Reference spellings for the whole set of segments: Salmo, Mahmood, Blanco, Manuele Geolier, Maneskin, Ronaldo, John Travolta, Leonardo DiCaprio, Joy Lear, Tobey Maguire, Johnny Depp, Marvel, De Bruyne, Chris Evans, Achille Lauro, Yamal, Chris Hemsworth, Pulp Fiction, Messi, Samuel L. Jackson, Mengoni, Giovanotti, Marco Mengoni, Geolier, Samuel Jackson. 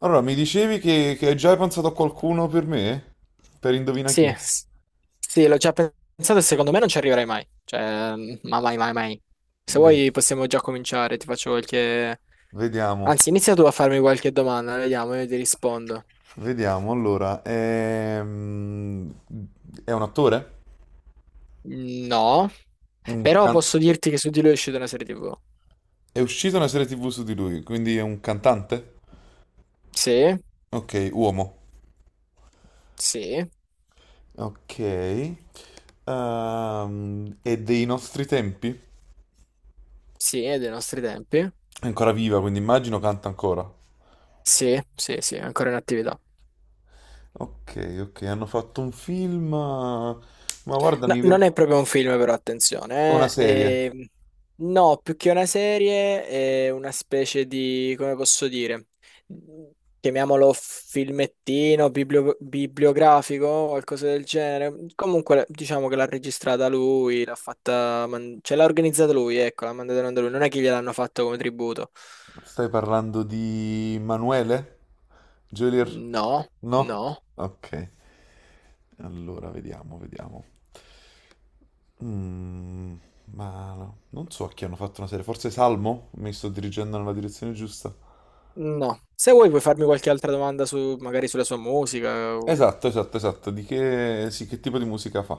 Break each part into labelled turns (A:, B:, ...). A: Allora, mi dicevi che hai già pensato a qualcuno per me? Per indovina
B: Sì,
A: chi?
B: sì, l'ho già pensato e secondo me non ci arriverai mai. Ma mai, mai, mai. Se
A: Vedi-
B: vuoi possiamo già cominciare, ti faccio qualche.
A: vediamo,
B: Anzi, inizia tu a farmi qualche domanda, vediamo, io ti rispondo.
A: vediamo. Allora, è un attore?
B: No,
A: Un
B: però
A: can-
B: posso dirti che su di lui è uscita una serie TV.
A: è uscita una serie TV su di lui, quindi è un cantante?
B: Sì,
A: Ok, uomo.
B: sì,
A: Ok. È dei nostri tempi?
B: sì, è dei nostri tempi.
A: È ancora viva, quindi immagino canta ancora.
B: Sì, sì, sì, è ancora in attività.
A: Ok, ok, hanno fatto un film. Ma guarda,
B: No, non è proprio un film, però
A: una
B: attenzione.
A: serie.
B: No, più che una serie, è una specie di, come posso dire, chiamiamolo filmettino, bibliografico, qualcosa del genere. Comunque, diciamo che l'ha registrata lui, l'ha fatta, cioè l'ha organizzata lui, ecco, l'ha mandata in onda lui. Non è che gliel'hanno fatto come tributo.
A: Stai parlando di Manuele? Geolier?
B: No,
A: No?
B: no,
A: Ok, allora vediamo, vediamo. Mm, ma no, non so a chi hanno fatto una serie, forse Salmo? Mi sto dirigendo nella direzione giusta.
B: no. Se vuoi puoi farmi qualche altra domanda su, magari sulla sua musica.
A: Esatto, esatto, esatto. Di che, sì, che tipo di musica fa?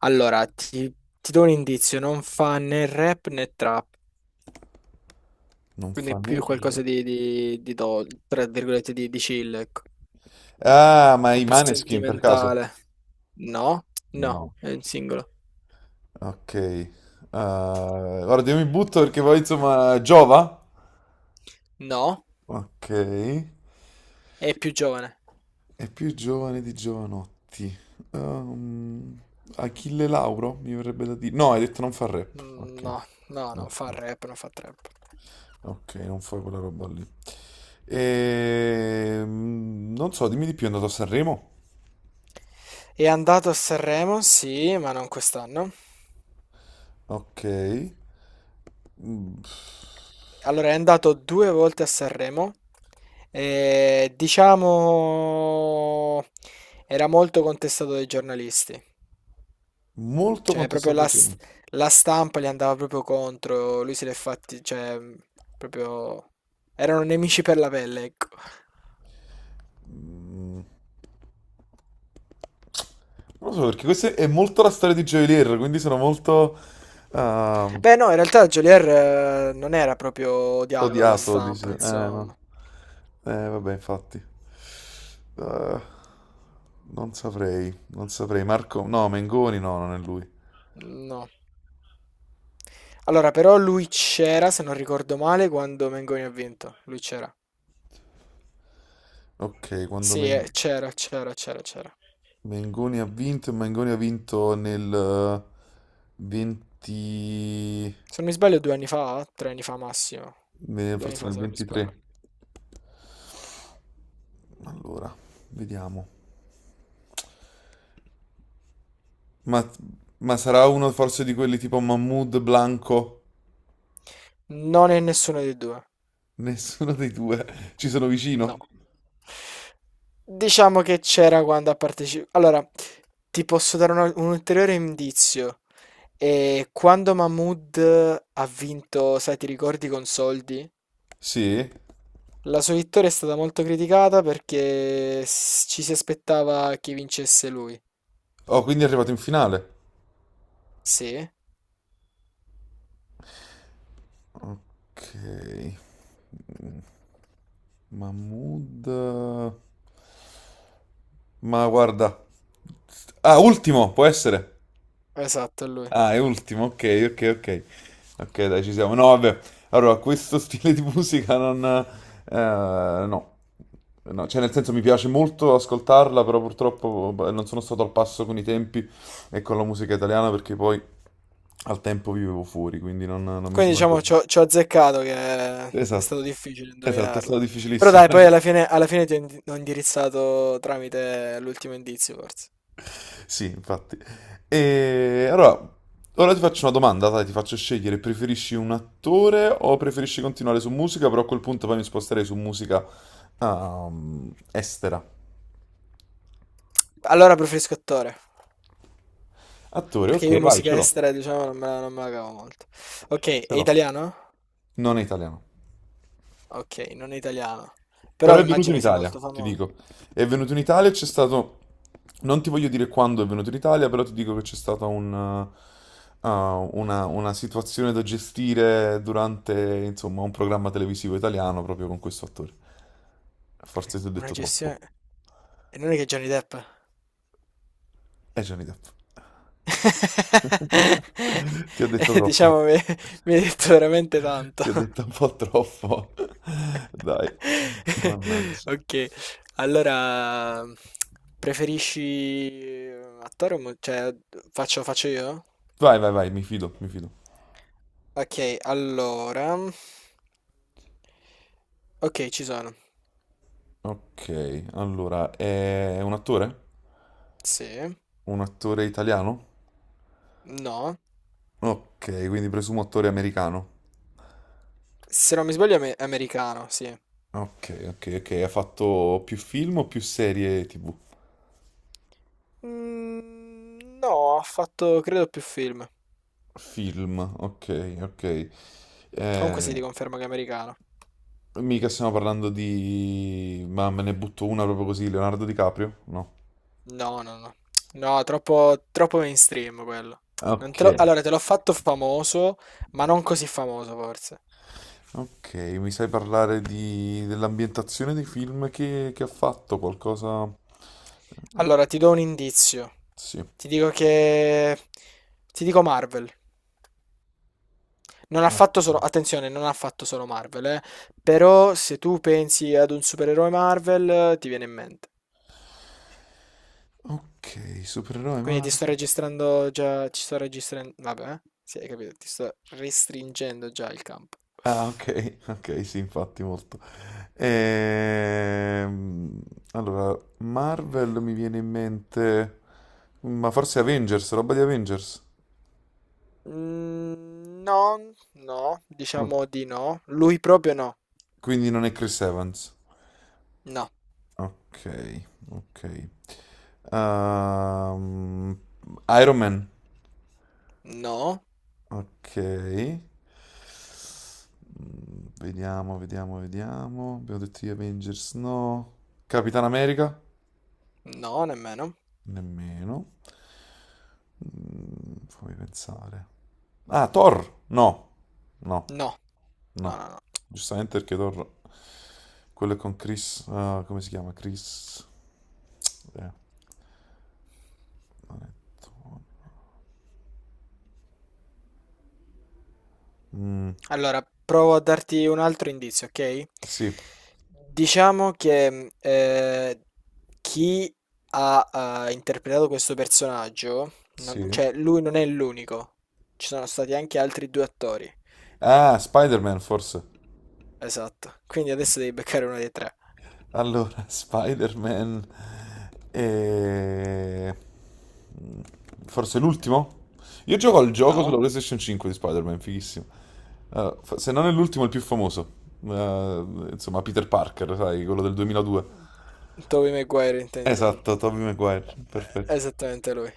B: Allora, ti, ti do un indizio, non fa né rap né trap,
A: Non
B: quindi è
A: fa né...
B: più qualcosa tra virgolette, di chill, ecco.
A: Ah,
B: Un
A: ma
B: po'
A: i
B: più
A: Maneskin per caso?
B: sentimentale. No, no,
A: No.
B: è un singolo.
A: Ok. Guarda, io mi butto perché poi insomma giova.
B: No,
A: Ok.
B: è più giovane.
A: È più giovane di Giovanotti. Ehm, Achille Lauro, mi verrebbe da dire. No, hai detto non fa rap. Ok.
B: No, no, non fa rap, non fa trap.
A: Ok, non fa quella roba lì. Non so, dimmi di più, è andato a Sanremo?
B: È andato a Sanremo, sì, ma non quest'anno.
A: Ok. Mm,
B: Allora, è andato due volte a Sanremo. E, diciamo, era molto contestato dai giornalisti.
A: Molto
B: Cioè, proprio
A: contestato
B: la,
A: dai
B: s-
A: giovani.
B: la stampa gli andava proprio contro. Lui se l'è fatti, cioè, proprio. Erano nemici per la pelle, ecco.
A: Mm, Non lo so, perché questa è molto la storia di Joy Lear, quindi sono molto... ehm,
B: Beh, no, in realtà Geolier non era proprio odiato dalla
A: Odiato, dici.
B: stampa,
A: No.
B: insomma.
A: Vabbè, infatti. Eh, non saprei, non saprei. Marco, no, Mengoni no, non è lui.
B: No. Allora, però lui c'era, se non ricordo male, quando Mengoni ha vinto. Lui c'era.
A: Ok,
B: Sì, c'era, c'era, c'era, c'era.
A: Mengoni ha vinto nel 20...
B: Se non mi sbaglio, due anni fa, tre anni fa massimo. Due anni
A: forse
B: fa,
A: nel
B: se non mi
A: 23.
B: sbaglio.
A: Allora, vediamo. Ma, ma sarà uno forse di quelli tipo Mahmood, Blanco?
B: Non è nessuno dei due.
A: Nessuno dei due. Ci sono
B: No.
A: vicino?
B: Diciamo che c'era quando ha partecipato. Allora, ti posso dare un ulteriore indizio. E quando Mahmood ha vinto, sai, ti ricordi con soldi?
A: Sì?
B: La sua vittoria è stata molto criticata perché ci si aspettava che vincesse lui.
A: Oh, quindi è arrivato in finale.
B: Sì,
A: Ok, Mahmood. Ma guarda. Ah, ultimo, può essere?
B: esatto, è lui.
A: Ah, è ultimo, ok, ok, ok. Ok, dai, ci siamo. No, vabbè. Allora, questo stile di musica non... no. No, cioè nel senso mi piace molto ascoltarla, però purtroppo boh, non sono stato al passo con i tempi e con la musica italiana perché poi al tempo vivevo fuori, quindi non mi
B: Quindi
A: sono
B: diciamo
A: aggiornato.
B: ci ho azzeccato che è stato
A: Esatto,
B: difficile
A: esatto, è stato
B: indovinarlo. Però
A: difficilissimo.
B: dai, poi alla fine ti ho ho indirizzato tramite l'ultimo indizio, forse.
A: Sì, infatti. E allora, ora ti faccio una domanda, dai, ti faccio scegliere, preferisci un attore o preferisci continuare su musica? Però a quel punto poi mi sposterei su musica estera.
B: Allora preferisco attore,
A: Attore,
B: perché io
A: ok, vai, ce
B: musica
A: l'ho.
B: estera, diciamo, non me la cavo molto. Ok,
A: Ce
B: è
A: l'ho.
B: italiano?
A: Non è italiano.
B: Ok, non è italiano. Però
A: Però è venuto in
B: immagino sia
A: Italia,
B: molto
A: ti
B: famoso.
A: dico. È venuto in Italia, c'è stato... Non ti voglio dire quando è venuto in Italia, però ti dico che c'è stata una situazione da gestire durante, insomma, un programma televisivo italiano proprio con questo attore. Forse ti ho
B: Una
A: detto troppo.
B: gestione. E non è che Johnny Depp?
A: È Johnny Depp. Ti ho detto troppo.
B: Diciamo, mi hai detto veramente tanto.
A: Ti ho detto un po' troppo. Dai. Mannaggia.
B: Ok, allora preferisci attore o cioè faccio io?
A: Vai, vai, vai, mi fido, mi fido.
B: Ok, allora. Ok, ci sono.
A: Ok, allora, è un attore?
B: Sì.
A: Un attore italiano?
B: No.
A: Ok, quindi presumo attore americano.
B: Se non mi sbaglio è americano, sì.
A: Ok, ok, ok, ha fatto più film o più serie TV?
B: No, ha fatto credo più film.
A: Film, ok, ok.
B: Comunque si
A: Eh,
B: ti conferma che è americano.
A: mica stiamo parlando di... Ma me ne butto una proprio così, Leonardo DiCaprio? No.
B: No, no, no. No, troppo, troppo mainstream quello. Non
A: Ok,
B: te lo- Allora, te l'ho fatto famoso, ma non così famoso forse.
A: ok, mi sai parlare di... dell'ambientazione dei film che ha fatto? Qualcosa... No.
B: Allora, ti do un indizio.
A: Sì.
B: Ti dico che. Ti dico Marvel. Non ha
A: Ok.
B: fatto solo. Attenzione, non ha fatto solo Marvel, eh. Però se tu pensi ad un supereroe Marvel, ti viene in mente.
A: Ok, supereroe
B: Quindi ti
A: Marvel.
B: sto registrando già. Ci sto registrando. Vabbè, eh. Sì, hai capito. Ti sto restringendo già il campo.
A: Ah, ok, ok, sì, infatti molto. Ehm, allora, Marvel mi viene in mente, ma forse Avengers, roba di Avengers.
B: No, no.
A: Oh,
B: Diciamo di no. Lui proprio no.
A: quindi non è Chris Evans.
B: No.
A: Ok, ok. Ehm, Iron Man.
B: No.
A: Ok. Vediamo, vediamo, vediamo. Abbiamo detto gli Avengers, no. Capitan America?
B: No, nemmeno.
A: Nemmeno. Fammi pensare. Ah, Thor? No, no,
B: No. No,
A: no.
B: no, no.
A: Giustamente perché Thor, quello è con Chris, ah, come si chiama? Eh, mm,
B: Allora, provo a darti un altro indizio, ok?
A: sì,
B: Diciamo che chi ha interpretato questo personaggio,
A: sì.
B: cioè lui non è l'unico, ci sono stati anche altri due attori.
A: Ah, Spider-Man forse.
B: Esatto, quindi adesso devi beccare uno dei tre.
A: Allora, Spider-Man. eh, mm, Forse l'ultimo? Io gioco al gioco sulla
B: No?
A: PlayStation 5 di Spider-Man, fighissimo. Ah, se non è l'ultimo, è il più famoso. Insomma, Peter Parker, sai, quello del 2002.
B: Tobey Maguire intendi tu?
A: Esatto, Tobey Maguire, perfetto.
B: Esattamente lui.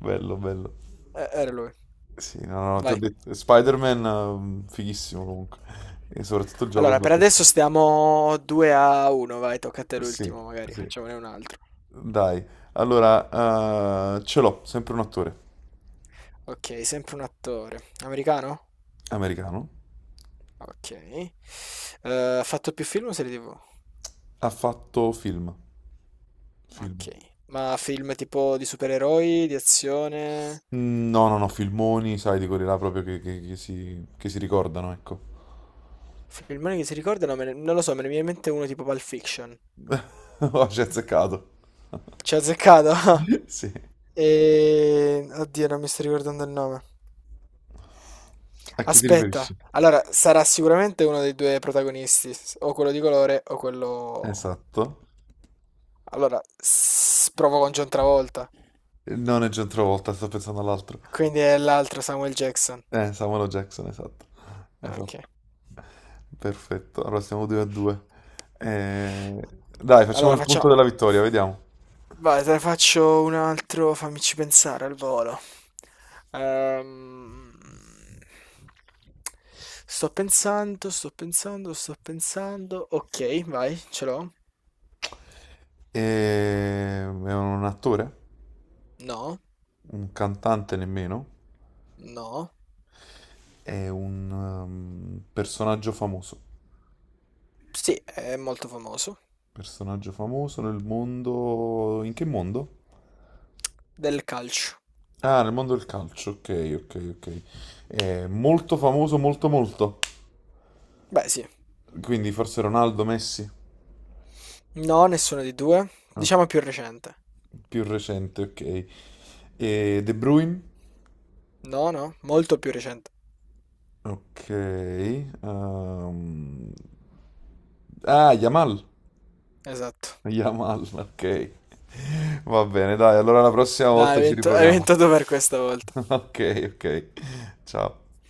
A: Bello, bello.
B: Era lui.
A: Sì, no, no, ti ho
B: Vai.
A: detto, Spider-Man, fighissimo comunque. E soprattutto il gioco
B: Allora,
A: sulla
B: per
A: PS.
B: adesso stiamo 2-1, vai, tocca a te
A: Sì,
B: l'ultimo, magari
A: sì.
B: facciamone un altro.
A: Dai, allora, ce l'ho, sempre un attore
B: Ok, sempre un attore. Americano?
A: americano.
B: Ok. Ha fatto più film o serie TV?
A: Ha fatto film.
B: Ok.
A: Film.
B: Ma film tipo di supereroi, di azione?
A: No, no, no, filmoni, sai, di quelli là proprio che che si ricordano, ecco.
B: Filmone che si ricordano? Non lo so, me ne viene in mente uno tipo Pulp Fiction.
A: Ho ci hai azzeccato.
B: Ci ha azzeccato?
A: Sì.
B: E. Oddio, non mi sto ricordando il nome.
A: A chi ti
B: Aspetta,
A: riferisci?
B: allora sarà sicuramente uno dei due protagonisti, o quello di colore o quello.
A: Esatto.
B: Allora, provo con John Travolta,
A: Non è John Travolta, sto pensando all'altro.
B: quindi è l'altro Samuel Jackson.
A: Samuel L. Jackson, esatto.
B: Ok.
A: Esatto. Perfetto, allora siamo 2 a 2. Dai, facciamo
B: Allora
A: il punto
B: facciamo.
A: della vittoria, vediamo.
B: Vai, te ne faccio un altro, fammici pensare al volo. Ehm, Sto pensando, sto pensando, sto pensando. Ok, vai, ce l'ho.
A: È un attore,
B: No,
A: un cantante nemmeno,
B: no.
A: è un personaggio famoso.
B: Sì, è molto famoso.
A: Personaggio famoso nel mondo... In che mondo?
B: Del calcio.
A: Ah, nel mondo del calcio, ok, ok, ok. È molto famoso, molto molto.
B: Beh, sì.
A: Quindi forse Ronaldo, Messi,
B: No, nessuno dei due.
A: ah,
B: Diciamo più recente.
A: più recente, ok. E De Bruyne?
B: No, no, molto più recente.
A: Ok. Ah, Yamal.
B: Esatto.
A: Yamal, ok. Va bene, dai, allora la prossima
B: Dai,
A: volta ci
B: hai
A: riproviamo.
B: vinto tu per questa volta.
A: Ok, ok. Ciao.